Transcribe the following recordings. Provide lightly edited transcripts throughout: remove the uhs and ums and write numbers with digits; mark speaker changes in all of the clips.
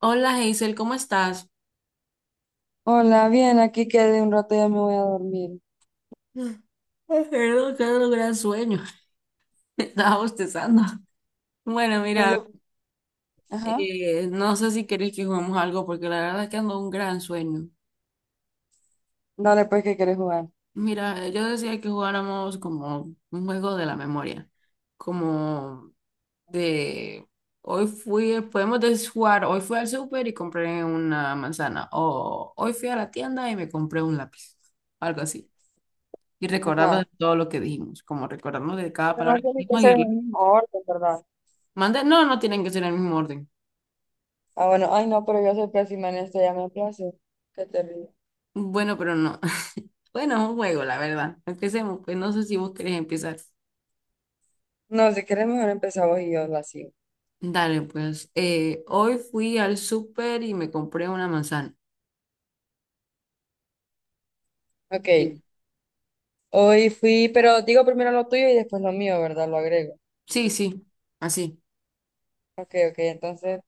Speaker 1: Hola Hazel, ¿cómo estás?
Speaker 2: Hola, bien, aquí quedé un rato, y ya me voy a dormir.
Speaker 1: Mm. Ay, perdón, que era un gran sueño. Estaba bostezando. Bueno,
Speaker 2: No sé.
Speaker 1: mira,
Speaker 2: Ajá.
Speaker 1: no sé si querés que juguemos algo porque la verdad es que ando un gran sueño.
Speaker 2: Dale, pues, ¿qué quieres jugar?
Speaker 1: Mira, yo decía que jugáramos como un juego de la memoria, como de hoy fui, podemos jugar, hoy fui al súper y compré una manzana, o hoy fui a la tienda y me compré un lápiz, algo así. Y recordarnos
Speaker 2: Ajá,
Speaker 1: de todo lo que dijimos, como recordarnos de cada
Speaker 2: pero no
Speaker 1: palabra que
Speaker 2: tiene que
Speaker 1: dijimos.
Speaker 2: ser en el mismo orden, ¿verdad?
Speaker 1: Manda, no, no tienen que ser en el mismo orden.
Speaker 2: Ah, bueno, ay, no, pero yo soy pésima en esto, ya me place. Qué terrible.
Speaker 1: Bueno, pero no. Bueno, es un juego, la verdad. Empecemos, pues no sé si vos querés empezar.
Speaker 2: No, si quieres, mejor empezamos y yo la sigo.
Speaker 1: Dale, pues. Hoy fui al súper y me compré una manzana.
Speaker 2: Ok,
Speaker 1: Sí,
Speaker 2: hoy fui, pero digo primero lo tuyo y después lo mío, ¿verdad? Lo agrego.
Speaker 1: sí, sí, así.
Speaker 2: Ok, ok, entonces,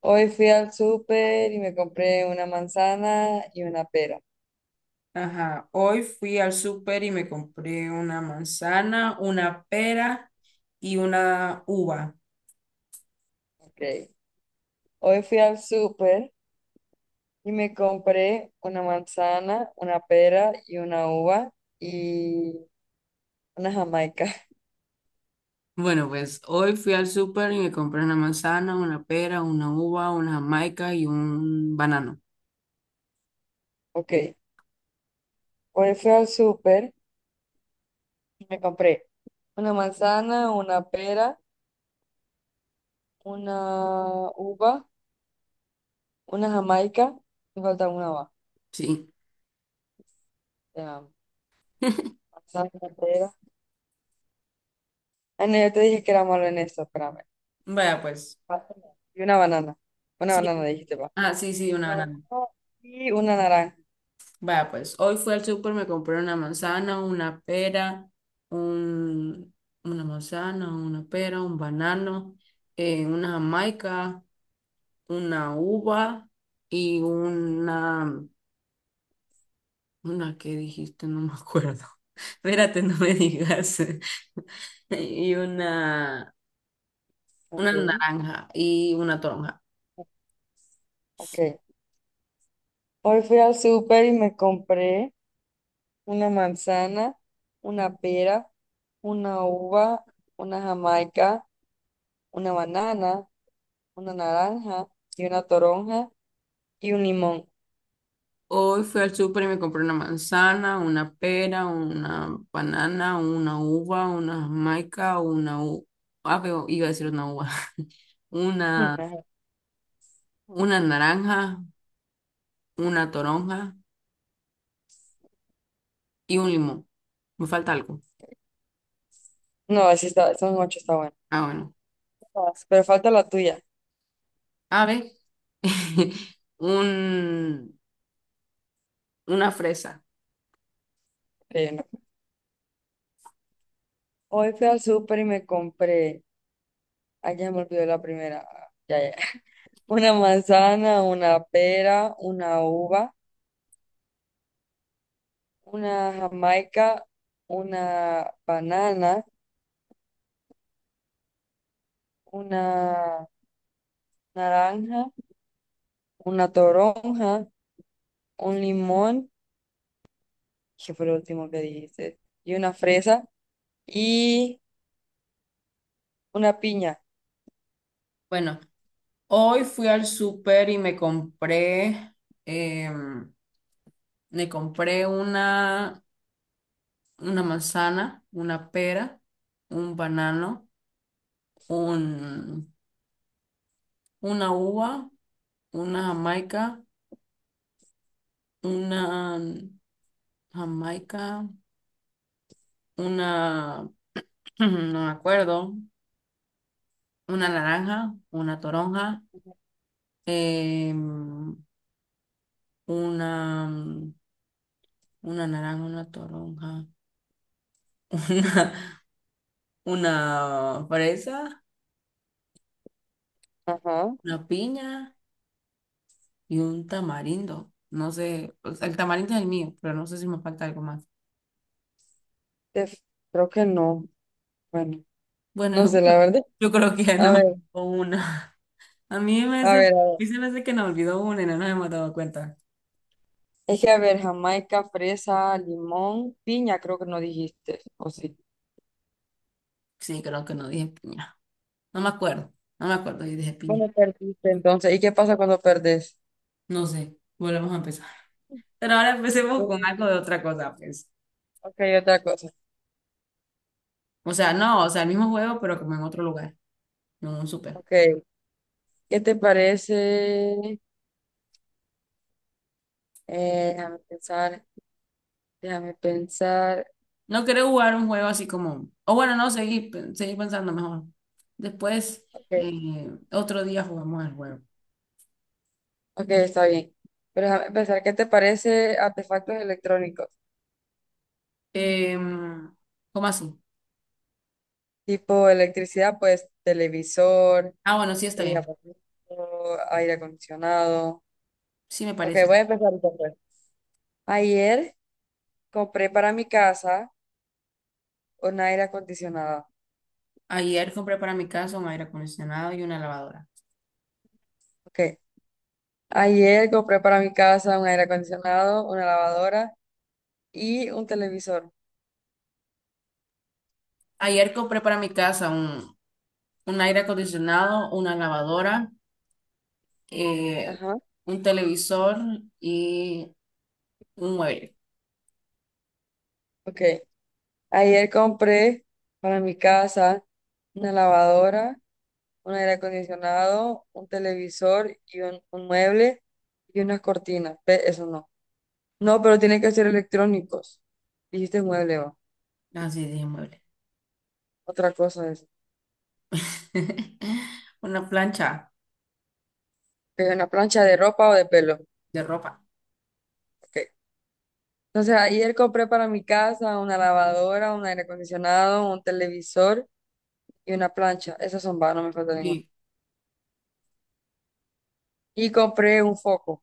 Speaker 2: hoy fui al súper y me compré una manzana y una pera.
Speaker 1: Ajá, hoy fui al súper y me compré una manzana, una pera y una uva.
Speaker 2: Ok. Hoy fui al súper. Y me compré una manzana, una pera y una uva y una jamaica.
Speaker 1: Bueno, pues hoy fui al súper y me compré una manzana, una pera, una uva, una jamaica y un banano.
Speaker 2: Ok, pues fui al súper y me compré una manzana, una pera, una uva, una jamaica. Me falta una uva.
Speaker 1: Sí.
Speaker 2: Ya. Manzana, pera. Ah, no, yo te dije que era malo en esto, espérame.
Speaker 1: Vaya pues.
Speaker 2: Y una banana. Una
Speaker 1: Sí.
Speaker 2: banana dijiste, va.
Speaker 1: Ah, sí, sí, una
Speaker 2: Una banana
Speaker 1: banana.
Speaker 2: y una naranja.
Speaker 1: Vaya, pues hoy fui al súper, me compré una manzana, una pera, un, una manzana, una pera, un banano, una jamaica, una uva y una que dijiste, no me acuerdo. Espérate, no me digas. Y una
Speaker 2: Ok,
Speaker 1: naranja y una toronja.
Speaker 2: ok. Hoy fui al súper y me compré una manzana, una pera, una uva, una jamaica, una banana, una naranja y una toronja y un limón.
Speaker 1: Hoy fui al súper y me compré una manzana, una pera, una banana, una uva, una jamaica, una u... ah, pero iba a decir una uva,
Speaker 2: Mm,
Speaker 1: una,
Speaker 2: ajá.
Speaker 1: una naranja, una toronja y un limón. Me falta algo.
Speaker 2: No, así está, son ocho, está bueno.
Speaker 1: Ah, bueno.
Speaker 2: Todas. Pero falta la tuya.
Speaker 1: A ver, un, una fresa.
Speaker 2: Ok, no. Hoy fui al súper y me compré, ay, ya me olvidó la primera. Ah, ya, ya. Una manzana, una pera, una uva, una jamaica, una banana, una naranja, una toronja, un limón, que fue lo último que dijiste, y una fresa y una piña.
Speaker 1: Bueno, hoy fui al súper y me compré, em, me compré una manzana, una pera, un banano, un, una uva, una jamaica, una jamaica, una, no me acuerdo, una naranja, una toronja, em, una, una naranja, una toronja, una, una fresa,
Speaker 2: Ajá.
Speaker 1: una piña y un tamarindo. No sé, o sea, el tamarindo es el mío, pero no sé si me falta algo más.
Speaker 2: Te- Creo que no. Bueno,
Speaker 1: Bueno,
Speaker 2: no sé, la verdad.
Speaker 1: yo creo que ya
Speaker 2: A
Speaker 1: no,
Speaker 2: ver,
Speaker 1: o una.
Speaker 2: a
Speaker 1: A
Speaker 2: ver, a ver.
Speaker 1: mí se me hace que nos olvidó una y no nos hemos dado cuenta.
Speaker 2: Es que, a ver, jamaica, fresa, limón, piña, creo que no dijiste, ¿o sí?
Speaker 1: Sí, creo que no dije piña. No me acuerdo. No me acuerdo si dije piña.
Speaker 2: Bueno, perdiste entonces. ¿Y qué pasa cuando perdés?
Speaker 1: No sé. Volvemos a empezar. Pero ahora empecemos con
Speaker 2: Bueno,
Speaker 1: algo de otra cosa, pues.
Speaker 2: ok, otra cosa.
Speaker 1: O sea, no, o sea, el mismo juego, pero como en otro lugar, en un súper.
Speaker 2: Ok, ¿qué te parece? Déjame pensar, déjame pensar.
Speaker 1: No quiero jugar un juego así como. O bueno, no, seguir pensando mejor. Después,
Speaker 2: Ok.
Speaker 1: otro día jugamos el juego.
Speaker 2: Ok, está bien. Pero déjame empezar, ¿qué te parece artefactos electrónicos?
Speaker 1: Em, ¿cómo así?
Speaker 2: Tipo electricidad, pues televisor,
Speaker 1: Ah, bueno, sí está
Speaker 2: y
Speaker 1: bien.
Speaker 2: aparato, aire acondicionado.
Speaker 1: Sí me
Speaker 2: Ok,
Speaker 1: parece.
Speaker 2: voy a empezar yo, pues. Ayer compré para mi casa un aire acondicionado.
Speaker 1: Ayer compré para mi casa un aire acondicionado y una lavadora.
Speaker 2: Ok, ayer compré para mi casa un aire acondicionado, una lavadora y un televisor.
Speaker 1: Ayer compré para mi casa un aire acondicionado, una lavadora, eh,
Speaker 2: Ajá,
Speaker 1: un televisor y un mueble.
Speaker 2: ok. Ayer compré para mi casa una lavadora, un aire acondicionado, un televisor y un mueble y unas cortinas. Eso no. No, pero tienen que ser electrónicos. Dijiste mueble, va.
Speaker 1: Así sí, dije mueble.
Speaker 2: Otra cosa es.
Speaker 1: Una plancha
Speaker 2: Que una plancha de ropa o de pelo.
Speaker 1: de ropa.
Speaker 2: Ok. Entonces ayer compré para mi casa una lavadora, un aire acondicionado, un televisor y una plancha. Esas son va, no me falta ninguna.
Speaker 1: Sí.
Speaker 2: Y compré un foco.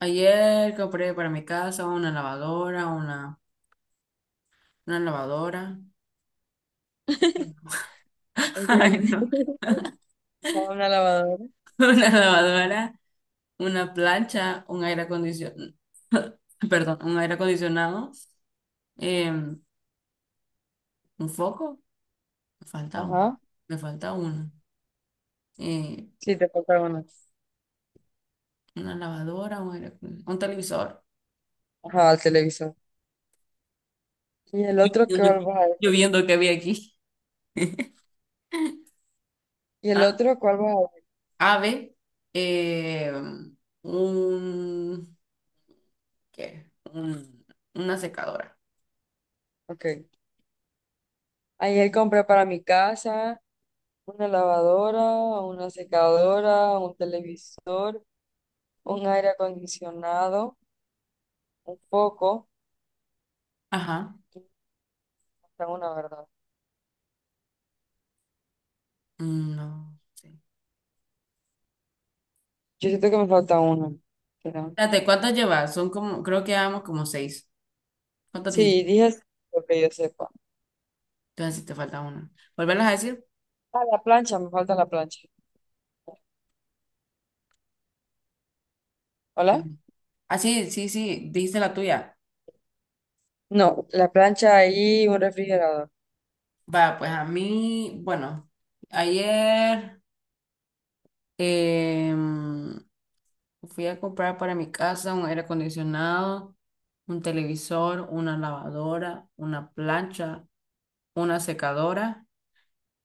Speaker 1: Ayer compré para mi casa una lavadora.
Speaker 2: Un
Speaker 1: Ay, no.
Speaker 2: Una lavadora.
Speaker 1: Una lavadora, una plancha, un aire acondicionado. Perdón, un aire acondicionado. em, un foco. Me falta uno.
Speaker 2: Ajá.
Speaker 1: Me falta uno. eh,
Speaker 2: Sí, te falta una.
Speaker 1: una lavadora, un televisor.
Speaker 2: Ajá, al televisor. Y el
Speaker 1: Yo
Speaker 2: otro, ¿qué
Speaker 1: viendo que,
Speaker 2: vas a
Speaker 1: yo
Speaker 2: decir?
Speaker 1: viendo que había aquí.
Speaker 2: ¿Y el
Speaker 1: Ah,
Speaker 2: otro cuál vas a ver?
Speaker 1: ave, eh, un, ¿qué? Una secadora.
Speaker 2: Ok. Ayer compré para mi casa una lavadora, una secadora, un televisor, un aire acondicionado, un foco.
Speaker 1: Ajá.
Speaker 2: Y me falta una, ¿verdad?
Speaker 1: Mm, no sé.
Speaker 2: Yo siento que me falta una, pero-
Speaker 1: Espérate, ¿cuántas llevas? Son como, creo que llevamos como seis. ¿Cuántas dijiste?
Speaker 2: sí, dije lo que yo sepa.
Speaker 1: Entonces, si te falta una. ¿Volverlas a decir?
Speaker 2: Ah, la plancha, me falta la plancha. ¿Hola?
Speaker 1: Bueno. Ah, sí, sí, sí, dijiste la tuya.
Speaker 2: No, la plancha y un refrigerador.
Speaker 1: Va, pues a mí, bueno, ayer. Em, fui a comprar para mi casa un aire acondicionado, un televisor, una lavadora, una plancha, una secadora,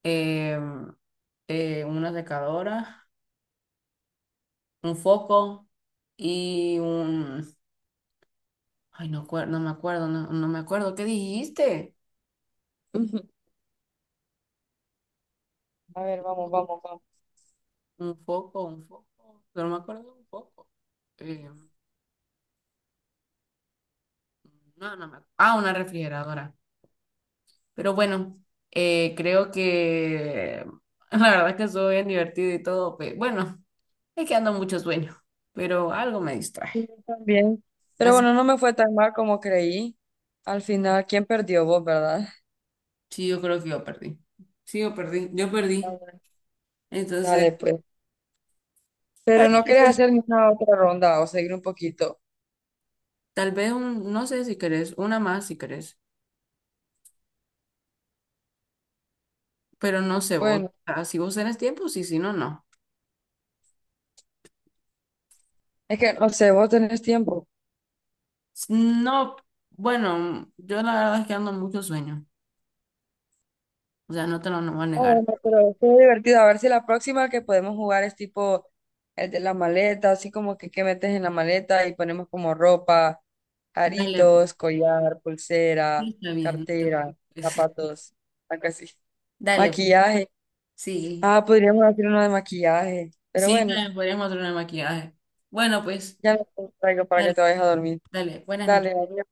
Speaker 1: em, una secadora, un foco y un... Ay, no, no me acuerdo, no, no me acuerdo. ¿Qué dijiste?
Speaker 2: Ujú. A ver, vamos, vamos, vamos.
Speaker 1: Un foco, un foco. Pero no me acuerdo de un foco. Em, no, no me acuerdo. Ah, una refrigeradora. Pero bueno, creo que la verdad que estuvo bien divertido y todo. Bueno, es que ando mucho sueño, pero algo me distrae.
Speaker 2: Sí, yo también. Pero
Speaker 1: Así,
Speaker 2: bueno, no me fue tan mal como creí. Al final, ¿quién perdió vos, verdad?
Speaker 1: sí, yo creo que yo perdí. Sí, yo perdí. Yo perdí.
Speaker 2: Dale,
Speaker 1: Entonces,
Speaker 2: pues. Pero no quieres hacer una otra ronda o seguir un poquito.
Speaker 1: tal vez un, no sé si querés, una más si querés, pero no sé vos.
Speaker 2: Bueno,
Speaker 1: Si vos tenés tiempo, sí, si no, no.
Speaker 2: es que no sé, vos tenés tiempo.
Speaker 1: No, bueno, yo la verdad es que ando mucho sueño. O sea, no te lo no voy a
Speaker 2: Ah,
Speaker 1: negar.
Speaker 2: bueno, pero qué divertido. A ver si la próxima que podemos jugar es tipo el de la maleta, así como que qué metes en la maleta y ponemos como ropa,
Speaker 1: Dale, pues,
Speaker 2: aritos, collar,
Speaker 1: sí,
Speaker 2: pulsera,
Speaker 1: está bien.
Speaker 2: cartera,
Speaker 1: Pues,
Speaker 2: zapatos, algo así.
Speaker 1: dale,
Speaker 2: Maquillaje.
Speaker 1: sí.
Speaker 2: Ah, podríamos hacer uno de maquillaje. Pero
Speaker 1: Sí,
Speaker 2: bueno,
Speaker 1: también podríamos hacer una maquillaje. Bueno, pues,
Speaker 2: ya no te traigo para que
Speaker 1: dale,
Speaker 2: te vayas a dormir.
Speaker 1: dale. Buenas
Speaker 2: Dale,
Speaker 1: noches.
Speaker 2: adiós.